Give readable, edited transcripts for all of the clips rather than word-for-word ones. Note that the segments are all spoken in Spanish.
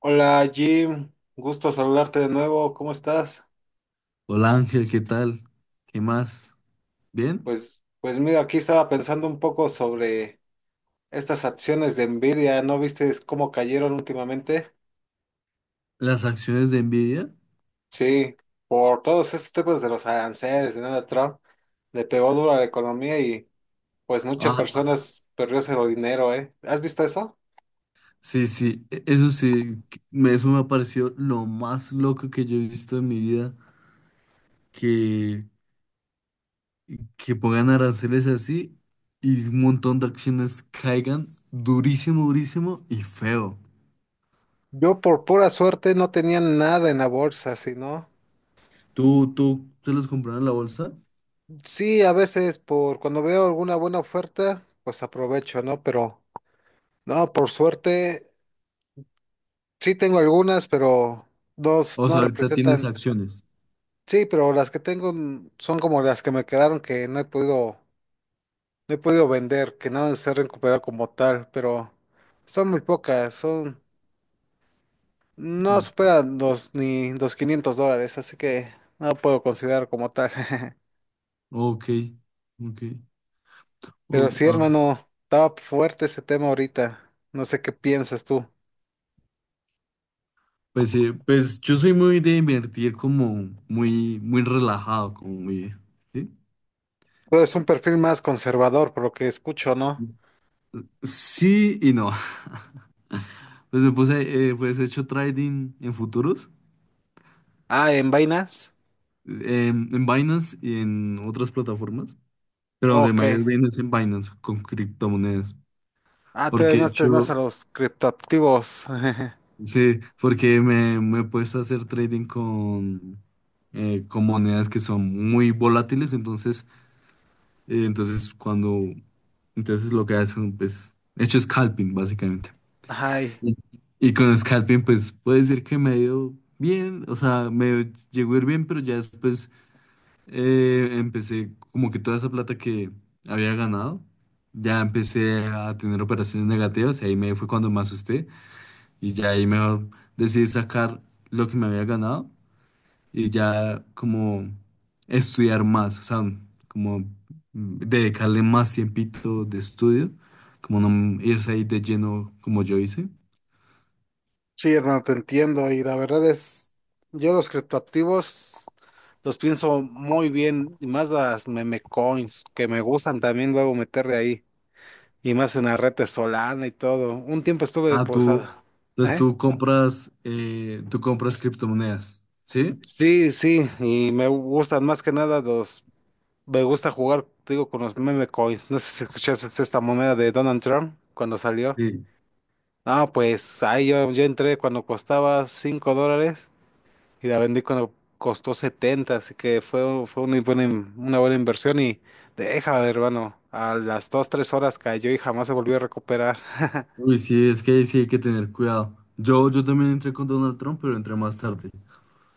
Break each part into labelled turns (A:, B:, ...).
A: Hola Jim, gusto saludarte de nuevo, ¿cómo estás?
B: Hola Ángel, ¿qué tal? ¿Qué más? ¿Bien?
A: Pues mira, aquí estaba pensando un poco sobre estas acciones de Nvidia, ¿no viste cómo cayeron últimamente?
B: ¿Las acciones de Nvidia?
A: Sí, por todos estos temas de los aranceles, ¿no? De Donald Trump, le pegó duro a la economía y pues muchas
B: Ah, ah,
A: personas perdió cero dinero, ¿eh? ¿Has visto eso?
B: sí, sí, eso sí, eso me pareció lo más loco que yo he visto en mi vida, que, que pongan aranceles así y un montón de acciones caigan durísimo, durísimo y feo.
A: Yo por pura suerte no tenía nada en la bolsa, sino
B: ¿Tú te los compraron en la bolsa?
A: sí, a veces por cuando veo alguna buena oferta, pues aprovecho, ¿no? Pero no, por suerte, sí tengo algunas, pero dos
B: O
A: no
B: sea, ahorita tienes
A: representan.
B: acciones.
A: Sí, pero las que tengo son como las que me quedaron que no he podido, no he podido vender, que no se han recuperado como tal, pero son muy pocas, son, no
B: Mm,
A: superan los ni los $500, así que no puedo considerar como tal.
B: Ok, ok.
A: Pero sí, hermano, estaba fuerte ese tema ahorita. No sé qué piensas tú.
B: Pues, pues yo soy muy de invertir como muy, muy relajado, como muy... Sí,
A: Tú eres un perfil más conservador, por lo que escucho, ¿no?
B: sí y no. Pues me puse, pues he hecho trading en futuros,
A: Ah, en vainas.
B: en Binance y en otras plataformas, pero donde
A: Ok.
B: me ha ido bien es en Binance con criptomonedas,
A: Ah,
B: porque
A: todavía
B: he
A: no estés más a
B: hecho,
A: los criptoactivos.
B: sí, porque me he puesto a hacer trading con monedas que son muy volátiles, entonces Eh, entonces, cuando, entonces lo que hacen, pues, hecho scalping, básicamente.
A: Ay,
B: Y, y con scalping, pues, puede decir que me dio bien, o sea, me llegó a ir bien, pero ya después empecé como que toda esa plata que había ganado, ya empecé a tener operaciones negativas y ahí me fue cuando me asusté y ya ahí mejor decidí sacar lo que me había ganado y ya como estudiar más, o sea, como dedicarle más tiempito de estudio, como no irse ahí de lleno como yo hice.
A: sí, hermano, te entiendo. Y la verdad es, yo los criptoactivos los pienso muy bien, y más las meme coins, que me gustan también luego meterle ahí. Y más en la red de Solana y todo. Un tiempo estuve
B: Ah, tú,
A: posada.
B: entonces
A: ¿Eh?
B: tú compras criptomonedas, ¿sí?
A: Sí, sí, y me gustan más que nada los. Me gusta jugar, te digo, con los meme coins. ¿No sé si escuchaste esta moneda de Donald Trump cuando salió?
B: Sí.
A: No, pues ahí yo entré cuando costaba $5 y la vendí cuando costó 70, así que fue, fue una buena, una buena inversión y deja, de hermano, a las 2 3 horas cayó y jamás se volvió a recuperar.
B: Uy, sí, es que ahí sí hay que tener cuidado. Yo también entré con Donald Trump, pero entré más tarde.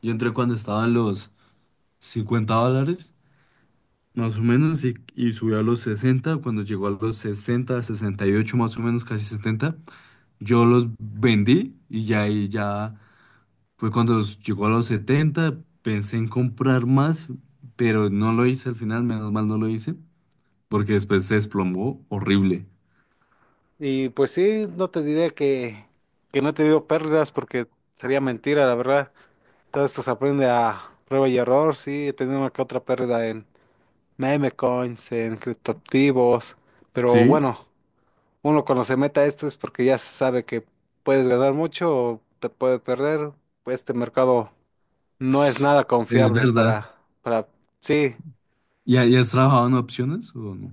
B: Yo entré cuando estaban los $50, más o menos, y subió a los 60 cuando llegó a los 60, 68 más o menos, casi 70. Yo los vendí y ya ahí ya fue cuando llegó a los 70, pensé en comprar más, pero no lo hice al final, menos mal no lo hice, porque después se desplomó horrible.
A: Y pues sí, no te diré que no he tenido pérdidas porque sería mentira, la verdad. Todo esto se aprende a prueba y error, sí, he tenido una que otra pérdida en meme coins, en criptoactivos, pero
B: Sí,
A: bueno. Uno cuando se meta a esto es porque ya sabe que puedes ganar mucho o te puede perder. Pues este mercado no es nada
B: es
A: confiable
B: verdad.
A: para, sí,
B: Y has trabajado en opciones o no?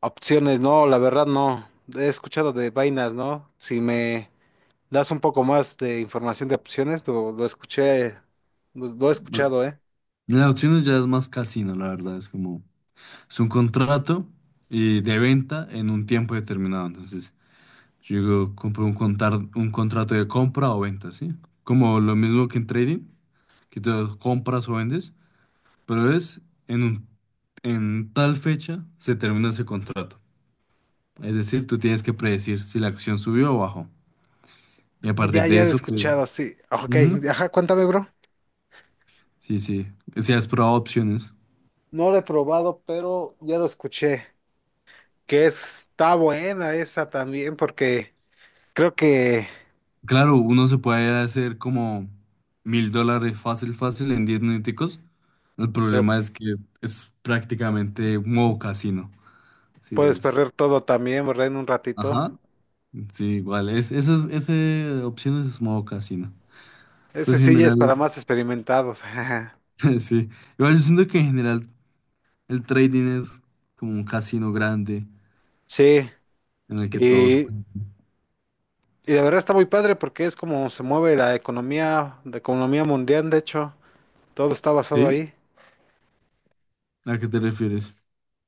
A: opciones, no, la verdad no. He escuchado de vainas, ¿no? Si me das un poco más de información de opciones, lo escuché, lo he
B: No,
A: escuchado, ¿eh?
B: las opciones ya es más casino, la verdad, es como, es un contrato y de venta en un tiempo determinado, entonces yo digo, un contrato de compra o venta, ¿sí? Como lo mismo que en trading, que tú compras o vendes, pero es en un, en tal fecha se termina ese contrato. Es decir, tú tienes que predecir si la acción subió o bajó. Y a partir
A: Ya,
B: de
A: ya lo he
B: eso, pues,
A: escuchado, sí. Ok,
B: ujú,
A: ajá, cuéntame, bro.
B: sí, sí. Si has probado opciones.
A: No lo he probado, pero ya lo escuché. Que está buena esa también, porque creo que...
B: Claro, uno se puede hacer como $1,000 fácil, fácil en 10 minuticos. El
A: Pero
B: problema es que es prácticamente un modo casino. Sí,
A: puedes
B: es.
A: perder todo también, ¿verdad? En un ratito.
B: Ajá. Sí, igual. Esas opciones es modo casino.
A: Ese
B: Pues en
A: sí ya es
B: general.
A: para más experimentados.
B: Sí, igual yo siento que en general el trading es como un casino grande
A: Sí,
B: en el que todos
A: y
B: juegan.
A: la verdad está muy padre porque es como se mueve la economía mundial, de hecho, todo está basado
B: ¿Sí?
A: ahí.
B: ¿A qué te refieres?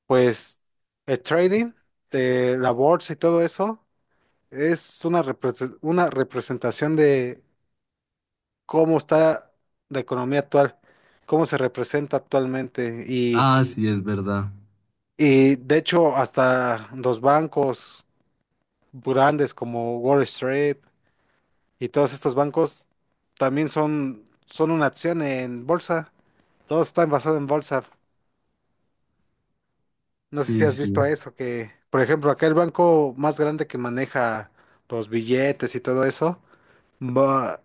A: Pues el trading, de la bolsa y todo eso, es una, una representación de cómo está la economía actual, cómo se representa actualmente.
B: Ah, sí, es verdad.
A: Y de hecho, hasta los bancos grandes como Wall Street y todos estos bancos también son, son una acción en bolsa. Todos están basados en bolsa. ¿No sé si
B: Sí,
A: has visto
B: sí.
A: eso, que por ejemplo acá el banco más grande que maneja los billetes y todo eso, va,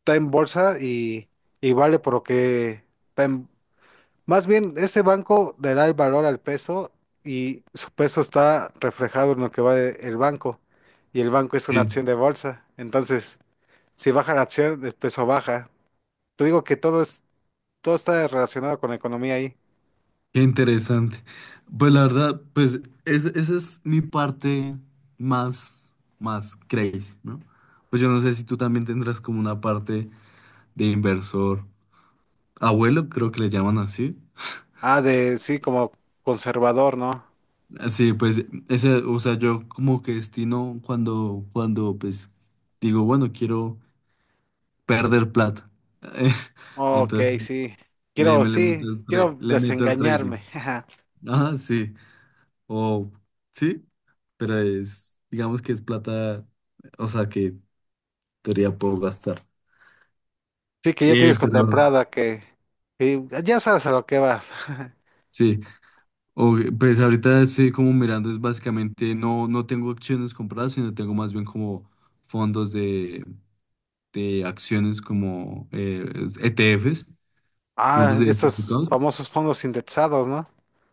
A: está en bolsa y vale por lo que está en-? Más bien, ese banco le da el valor al peso y su peso está reflejado en lo que va de- el banco. Y el banco es una
B: Sí.
A: acción de bolsa. Entonces, si baja la acción, el peso baja. Te digo que todo es, todo está relacionado con la economía ahí.
B: Qué interesante. Pues la verdad, pues esa es mi parte más, más crazy, ¿no? Pues yo no sé si tú también tendrás como una parte de inversor abuelo, creo que le llaman así.
A: Ah, de sí, como conservador, ¿no?
B: Sí, pues ese, o sea, yo como que destino cuando, cuando pues digo, bueno, quiero perder plata.
A: Ok,
B: Entonces
A: sí. Quiero,
B: le meto
A: sí,
B: el
A: quiero
B: le meto el trading.
A: desengañarme.
B: Ajá, sí. O sí, pero es, digamos que es plata, o sea, que en teoría puedo gastar.
A: Sí, que ya tienes
B: Pero
A: contemplada que ya sabes a lo que vas.
B: sí, pues ahorita estoy como mirando, es básicamente no, no tengo acciones compradas, sino tengo más bien como fondos de acciones como ETFs, fondos
A: Ah, estos
B: diversificados.
A: famosos fondos indexados, ¿no?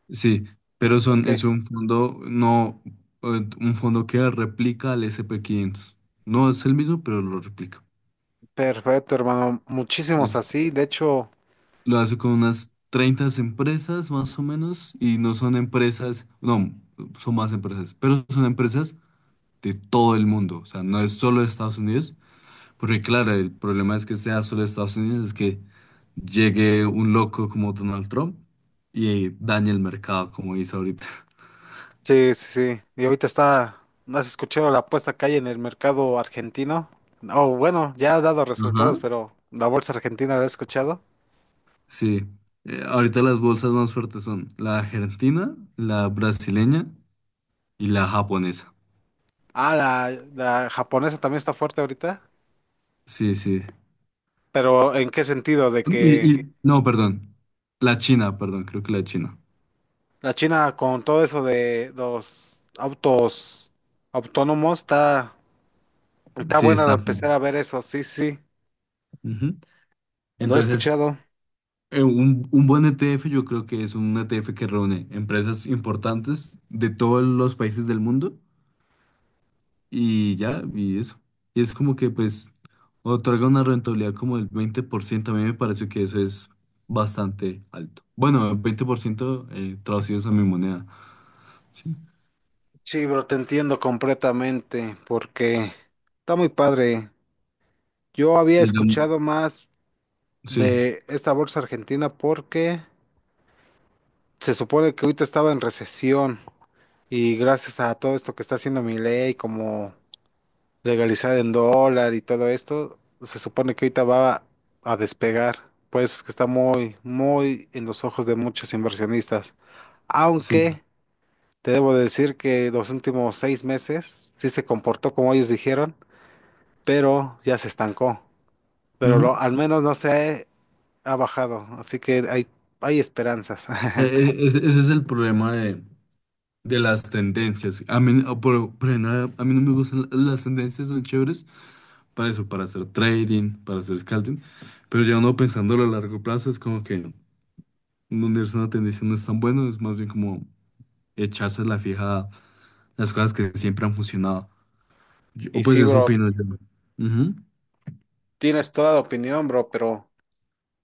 B: Sí, pero son, es
A: Ok,
B: un fondo, no, un fondo que replica al S&P 500. No es el mismo, pero lo replica.
A: perfecto, hermano. Muchísimos
B: Es-
A: así. De hecho.
B: lo hace con unas 30 empresas más o menos y no son empresas, no, son más empresas, pero son empresas de todo el mundo. O sea, no es solo de Estados Unidos. Porque claro, el problema es que sea solo de Estados Unidos, es que llegue un loco como Donald Trump y dañe el mercado, como dice ahorita.
A: Sí, sí, sí. Y ahorita está, ¿no has escuchado la apuesta que hay en el mercado argentino? Oh, bueno, ya ha dado resultados,
B: Ajá.
A: pero la bolsa argentina la he escuchado.
B: Sí. Ahorita las bolsas más fuertes son la argentina, la brasileña y la japonesa.
A: Ah, la japonesa también está fuerte ahorita.
B: Sí, sí.
A: Pero ¿en qué sentido? De que
B: No, perdón. La China, perdón, creo que la China.
A: la China con todo eso de los autos autónomos está
B: Sí,
A: buena de
B: está fuerte.
A: empezar a ver eso. Sí, sí,
B: Ujú.
A: lo he
B: Entonces,
A: escuchado.
B: un buen ETF yo creo que es un ETF que reúne empresas importantes de todos los países del mundo. Y ya, y eso. Y es como que pues otorga una rentabilidad como del 20%. A mí me parece que eso es bastante alto. Bueno, 20% traducidos a mi moneda. Sí,
A: Sí, bro, te entiendo completamente porque está muy padre. Yo había
B: sí,
A: escuchado más
B: sí,
A: de esta bolsa argentina porque se supone que ahorita estaba en recesión y gracias a todo esto que está haciendo mi ley como legalizar en dólar y todo esto, se supone que ahorita va a despegar. Por eso es que está muy, muy en los ojos de muchos inversionistas.
B: sí.
A: Aunque te debo decir que los últimos 6 meses sí se comportó como ellos dijeron, pero ya se estancó. Pero
B: Ujú.
A: al menos no sé ha bajado, así que hay esperanzas.
B: Ese es el problema de las tendencias. A mí, por general, a mí no me gustan las tendencias, son chéveres para eso, para hacer trading, para hacer scalping. Pero ya uno pensándolo a largo plazo es como que donde es una tendencia no es tan bueno, es más bien como echarse la fija las cosas que siempre han funcionado. O
A: Y
B: pues
A: sí,
B: eso
A: bro,
B: opino yo. Ujú.
A: tienes toda la opinión, bro, pero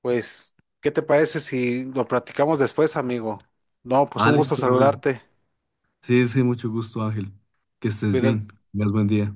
A: pues, ¿qué te parece si lo platicamos después, amigo? No, pues
B: Ah,
A: un gusto
B: listo, Ángel.
A: saludarte.
B: Sí, sí, mucho gusto, Ángel. Que estés
A: Cuida.
B: bien. Tengas buen día.